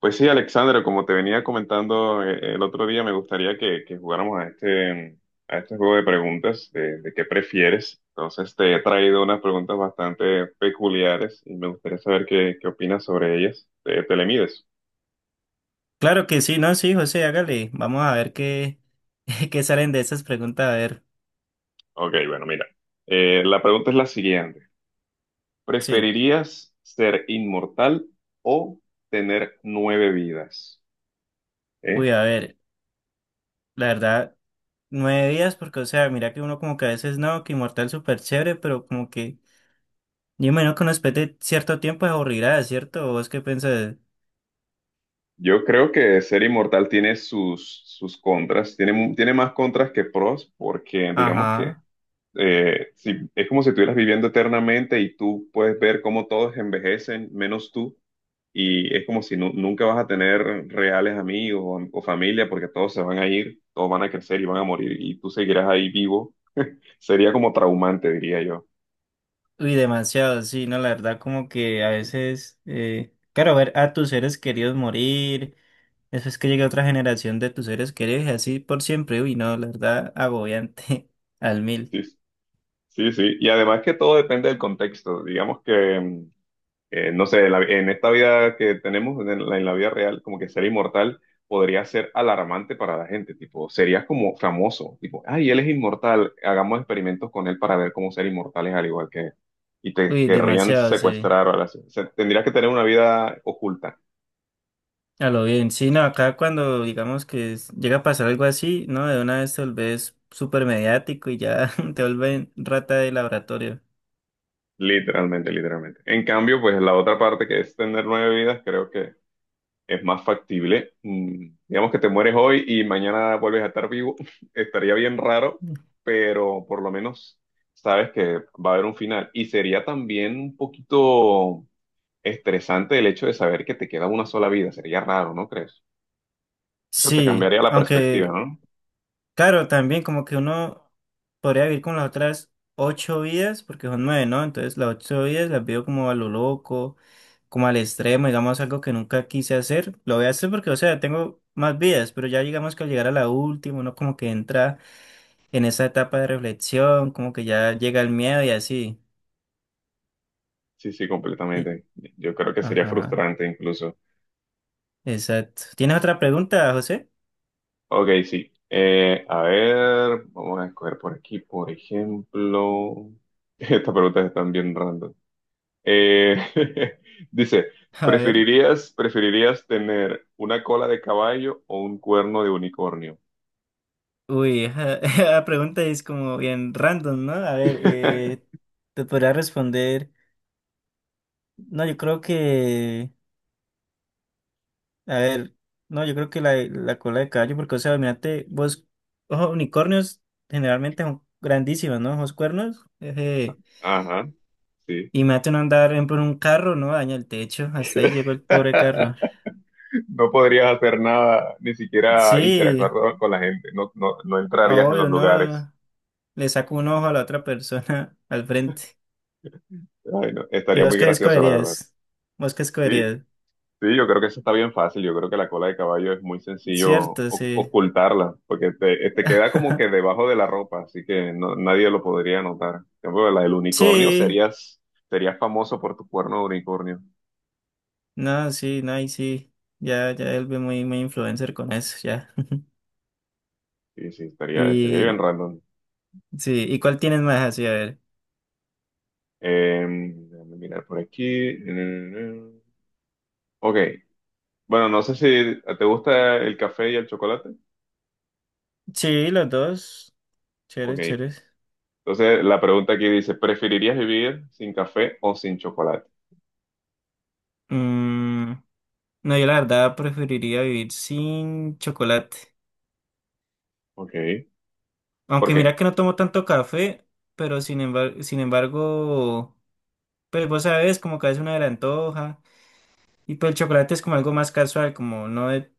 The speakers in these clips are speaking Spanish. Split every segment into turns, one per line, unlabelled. Pues sí, Alexandra, como te venía comentando el otro día, me gustaría que jugáramos a a este juego de preguntas de qué prefieres. Entonces te he traído unas preguntas bastante peculiares y me gustaría saber qué opinas sobre ellas. Te le mides?
Claro que sí, no, sí, José, hágale. Vamos a ver qué, qué salen de esas preguntas. A ver,
Ok, bueno, mira. La pregunta es la siguiente.
sí.
¿Preferirías ser inmortal o tener nueve vidas? ¿Eh?
Uy, a ver, la verdad, 9 días, porque, o sea, mira que uno como que a veces no, que inmortal es súper chévere, pero como que yo me que uno después cierto tiempo es aburrirá, ¿cierto? ¿Vos qué pensás?
Yo creo que ser inmortal tiene sus contras, tiene más contras que pros, porque digamos que
Ajá.
si, es como si estuvieras viviendo eternamente y tú puedes ver cómo todos envejecen, menos tú, y es como si nunca vas a tener reales amigos o familia, porque todos se van a ir, todos van a crecer y van a morir, y tú seguirás ahí vivo. Sería como traumante, diría yo.
Uy, demasiado, sí, no, la verdad, como que a veces, claro, ver a tus seres queridos morir. Eso es que llega otra generación de tus seres queridos y así por siempre. Uy, no, la verdad, agobiante al mil.
Sí, sí, sí. Y además que todo depende del contexto. Digamos que... no sé, en esta vida que tenemos, en en la vida real, como que ser inmortal podría ser alarmante para la gente, tipo, serías como famoso, tipo, ay, él es inmortal, hagamos experimentos con él para ver cómo ser inmortales al igual que él. Y te
Uy,
querrían
demasiado, sí.
secuestrar o algo así. O sea, tendrías que tener una vida oculta,
A lo bien. Sí, no, acá cuando digamos que llega a pasar algo así, ¿no? De una vez te volvés súper mediático y ya te vuelven rata de laboratorio.
literalmente, literalmente. En cambio, pues la otra parte que es tener nueve vidas, creo que es más factible. Digamos que te mueres hoy y mañana vuelves a estar vivo. Estaría bien raro, pero por lo menos sabes que va a haber un final. Y sería también un poquito estresante el hecho de saber que te queda una sola vida. Sería raro, ¿no crees? Eso te
Sí,
cambiaría la perspectiva,
aunque,
¿no?
claro, también como que uno podría vivir con las otras ocho vidas, porque son nueve, ¿no? Entonces las ocho vidas las veo como a lo loco, como al extremo, digamos algo que nunca quise hacer. Lo voy a hacer porque, o sea, tengo más vidas, pero ya digamos que al llegar a la última, uno como que entra en esa etapa de reflexión, como que ya llega el miedo y así.
Sí, sí,
Y,
completamente. Yo creo que sería
ajá,
frustrante incluso.
exacto. ¿Tienes otra pregunta, José?
Ok, sí. A ver, vamos a escoger por aquí, por ejemplo. Estas preguntas están bien random. Eh, dice,
A ver.
preferirías tener una cola de caballo o un cuerno de unicornio?
Uy, esa, esa pregunta es como bien random, ¿no? A ver, te podría responder. No, yo creo que. A ver, no, yo creo que la cola de caballo, porque, o sea, mirate, vos, ojos unicornios generalmente son grandísimos, ¿no? Ojos cuernos.
Ajá, sí.
Y me uno andar, por ejemplo, en un carro, ¿no? Daña el techo, hasta ahí llegó el pobre carro.
No podrías hacer nada, ni siquiera interactuar
Sí,
con la gente, no
ah,
entrarías en los
obvio,
lugares.
no le saco un ojo a la otra persona al frente.
Ay, no,
¿Y
estaría
vos
muy
qué
gracioso, la verdad.
escogerías? ¿Vos qué
Sí,
escogerías?
sí, yo creo que eso está bien fácil. Yo creo que la cola de caballo es muy sencillo
Cierto, sí.
ocultarla, porque te queda como que debajo de la ropa, así que nadie lo podría notar. En cambio, la del unicornio
Sí,
serías, serías famoso por tu cuerno de unicornio.
no, sí, no, y sí. Ya, ya él ve muy, muy influencer con eso, ya.
Sí, sí, estaría bien
Y
random.
sí, ¿y cuál tienes más así? A ver.
Déjame mirar por aquí. Ok, bueno, no sé si te gusta el café y el chocolate.
Sí, los dos. Chéveres,
Ok,
chéveres.
entonces la pregunta aquí dice, ¿preferirías vivir sin café o sin chocolate?
Mm, no, yo la verdad preferiría vivir sin chocolate.
Ok, ¿por
Aunque mira
qué?
que no tomo tanto café, pero sin embargo, sin embargo. Pues vos sabes, como que a veces uno se antoja. Y pues el chocolate es como algo más casual, como no de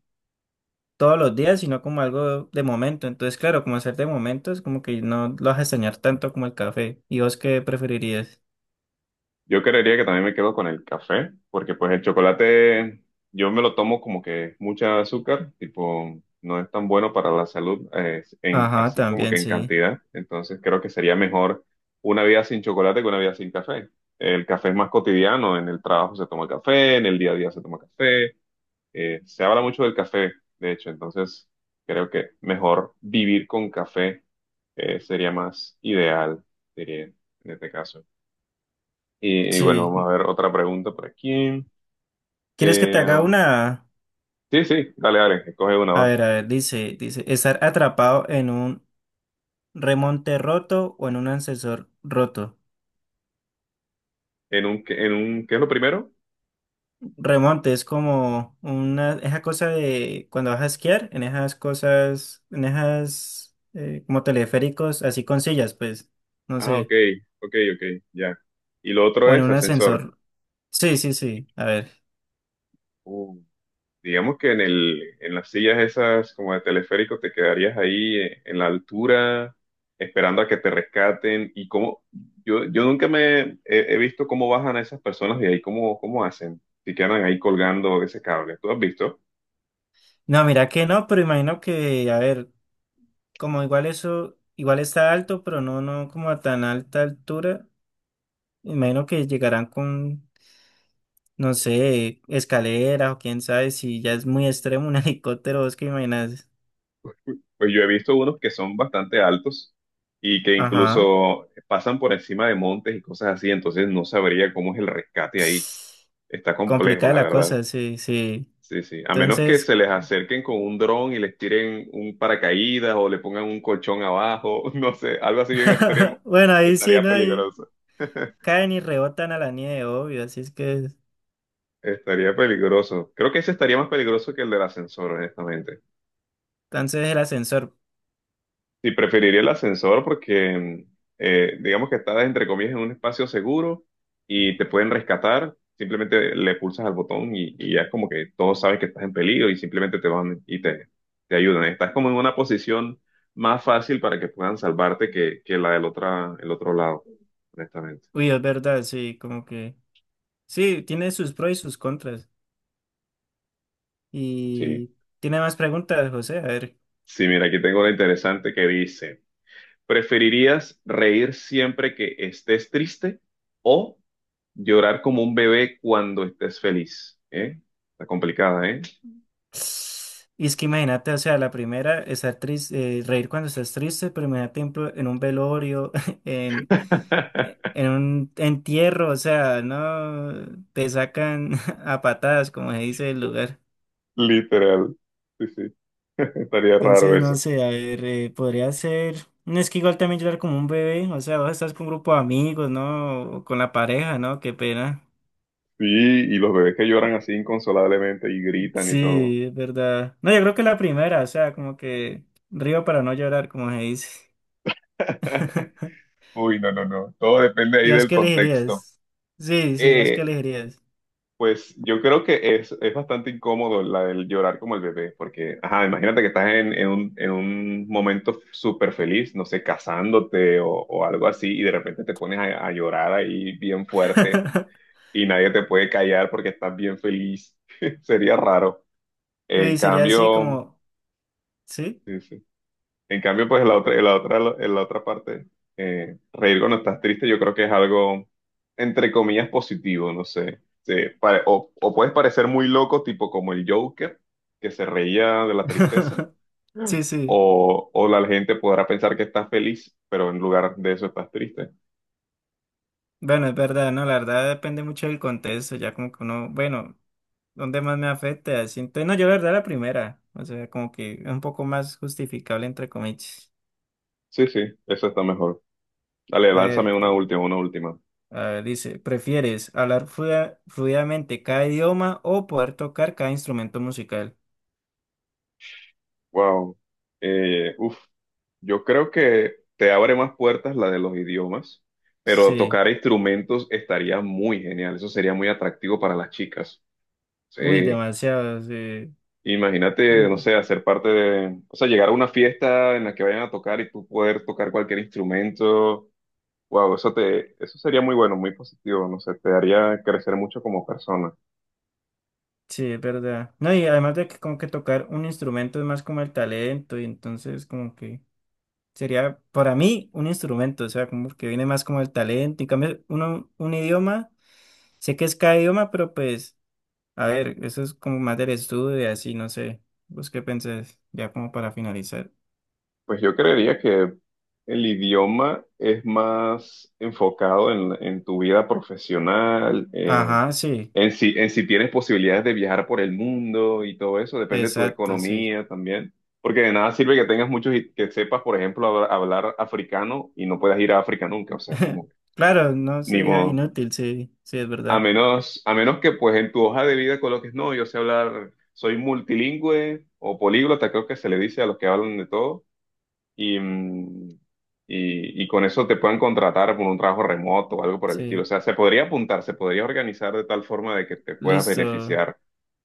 todos los días, sino como algo de momento. Entonces, claro, como hacer de momento es como que no lo vas a extrañar tanto como el café. ¿Y vos qué preferirías?
Yo creería que también me quedo con el café, porque pues el chocolate yo me lo tomo como que mucha azúcar, tipo no es tan bueno para la salud,
Ajá,
así como que
también,
en
sí.
cantidad. Entonces creo que sería mejor una vida sin chocolate que una vida sin café. El café es más cotidiano, en el trabajo se toma café, en el día a día se toma café, se habla mucho del café, de hecho, entonces creo que mejor vivir con café sería más ideal, diría, en este caso. Y bueno,
Sí.
vamos a ver otra pregunta por aquí.
¿Quieres que te
Eh,
haga una?
sí, sí, dale, dale, coge una, va.
A ver, dice, estar atrapado en un remonte roto o en un ascensor roto.
En un, qué es lo primero?
Remonte es como una, esa cosa de cuando vas a esquiar, en esas cosas, en esas como teleféricos, así con sillas, pues, no
Ah, ok,
sé,
ok, ok, ya. Y lo otro
o en
es
un
ascensor.
ascensor. Sí, sí, sí, a ver.
Uh, digamos que en las sillas esas como de teleférico te quedarías ahí en la altura esperando a que te rescaten. Y cómo, yo nunca he visto cómo bajan a esas personas de ahí, cómo, cómo hacen, si quedan ahí colgando ese cable. ¿Tú has visto?
No, mira que no, pero imagino que, a ver, como igual eso, igual está alto, pero no, no como a tan alta altura, imagino que llegarán con, no sé, escaleras o quién sabe si ya es muy extremo un helicóptero, ¿vos qué imaginas?
Pues yo he visto unos que son bastante altos y que
Ajá.
incluso pasan por encima de montes y cosas así, entonces no sabría cómo es el rescate ahí. Está complejo,
Complicada
la
la
verdad.
cosa, sí, sí.
Sí, sí. A menos que
Entonces,
se les acerquen con un dron y les tiren un paracaídas o le pongan un colchón abajo, no sé, algo así bien extremo,
bueno, ahí sí,
estaría
¿no? Ahí
peligroso.
caen y rebotan a la nieve, obvio, así es que,
Estaría peligroso. Creo que ese estaría más peligroso que el del ascensor, honestamente.
entonces el ascensor,
Sí, preferiría el ascensor porque digamos que estás entre comillas en un espacio seguro y te pueden rescatar. Simplemente le pulsas al botón y ya es como que todos saben que estás en peligro y simplemente te van y te ayudan. Estás como en una posición más fácil para que puedan salvarte que la del otra, el otro lado, honestamente.
uy, es verdad, sí, como que, sí, tiene sus pros y sus contras.
Sí.
Y tiene más preguntas, José, a ver.
Sí, mira, aquí tengo una interesante que dice. ¿Preferirías reír siempre que estés triste o llorar como un bebé cuando estés feliz? ¿Eh? Está complicada, ¿eh?
Y es que imagínate, o sea, la primera, estar triste, reír cuando estás triste, pero imagínate en un velorio, en, eh, en un entierro, o sea, no te sacan a patadas, como se dice el lugar.
Literal. Sí, sí, estaría raro
Entonces, no
eso.
sé, a ver, podría ser. No es que igual también llorar como un bebé, o sea, vos estás con un grupo de amigos, ¿no? O con la pareja, ¿no? Qué pena.
Sí, y los bebés que lloran así inconsolablemente y gritan y todo.
Sí, es verdad. No, yo creo que la primera, o sea, como que río para no llorar, como se dice.
Uy, no, no, no. Todo depende ahí
¿Y vos
del
qué
contexto.
elegirías? Sí, sí, ¿vos qué
Eh,
elegirías?
Pues yo creo que es bastante incómodo la del llorar como el bebé, porque, ajá, imagínate que estás en un momento súper feliz, no sé, casándote o algo así, y de repente te pones a llorar ahí bien fuerte y nadie te puede callar porque estás bien feliz. Sería raro. En
Uy, sería así
cambio,
como, ¿sí?
sí, sí. En cambio, pues en en la otra parte, reír cuando estás triste, yo creo que es algo, entre comillas, positivo, no sé. O puedes parecer muy loco, tipo como el Joker, que se reía de la tristeza,
Sí, sí.
o la gente podrá pensar que estás feliz, pero en lugar de eso estás triste.
Bueno, es verdad, ¿no? La verdad depende mucho del contexto, ya como que uno, bueno. ¿Dónde más me afecta? Siento, no, yo la verdad la primera, o sea, como que es un poco más justificable entre comillas.
Sí, sí, eso está mejor. Dale,
A ver,
lánzame una
eh,
última, una última.
a ver, dice, ¿prefieres hablar fluidamente cada idioma o poder tocar cada instrumento musical?
Wow. Eh, uf, yo creo que te abre más puertas la de los idiomas, pero
Sí,
tocar instrumentos estaría muy genial. Eso sería muy atractivo para las chicas.
uy,
Sí.
demasiado, sí.
Imagínate, no
Mm.
sé, hacer parte de, o sea, llegar a una fiesta en la que vayan a tocar y tú poder tocar cualquier instrumento. Wow, eso sería muy bueno, muy positivo. No sé, te haría crecer mucho como persona.
Sí, es verdad. No, y además de que como que tocar un instrumento es más como el talento, y entonces como que sería para mí un instrumento, o sea, como que viene más como el talento, en cambio uno, un idioma, sé que es cada idioma, pero pues. A ver, eso es como más del estudio y así, no sé. ¿Vos qué pensás? Ya como para finalizar.
Pues yo creería que el idioma es más enfocado en tu vida profesional,
Ajá, sí,
en si tienes posibilidades de viajar por el mundo y todo eso, depende de tu
exacto, sí.
economía también. Porque de nada sirve que tengas muchos, que sepas, por ejemplo, hablar africano y no puedas ir a África nunca, o sea, como, que,
Claro, no
ni
sería
modo.
inútil, sí, sí, es verdad.
A menos que pues en tu hoja de vida coloques, no, yo sé hablar, soy multilingüe o políglota, creo que se le dice a los que hablan de todo y, mm, y con eso te puedan contratar por un trabajo remoto o algo por el estilo. O
Sí,
sea, se podría apuntar, se podría organizar de tal forma de que te puedas
listo.
beneficiar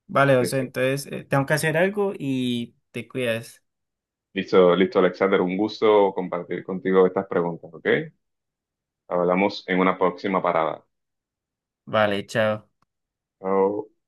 Vale,
de
José,
ese.
entonces tengo que hacer algo y te cuidas.
Listo, listo, Alexander, un gusto compartir contigo estas preguntas, ¿ok? Hablamos en una próxima parada.
Vale, chao.
Chao.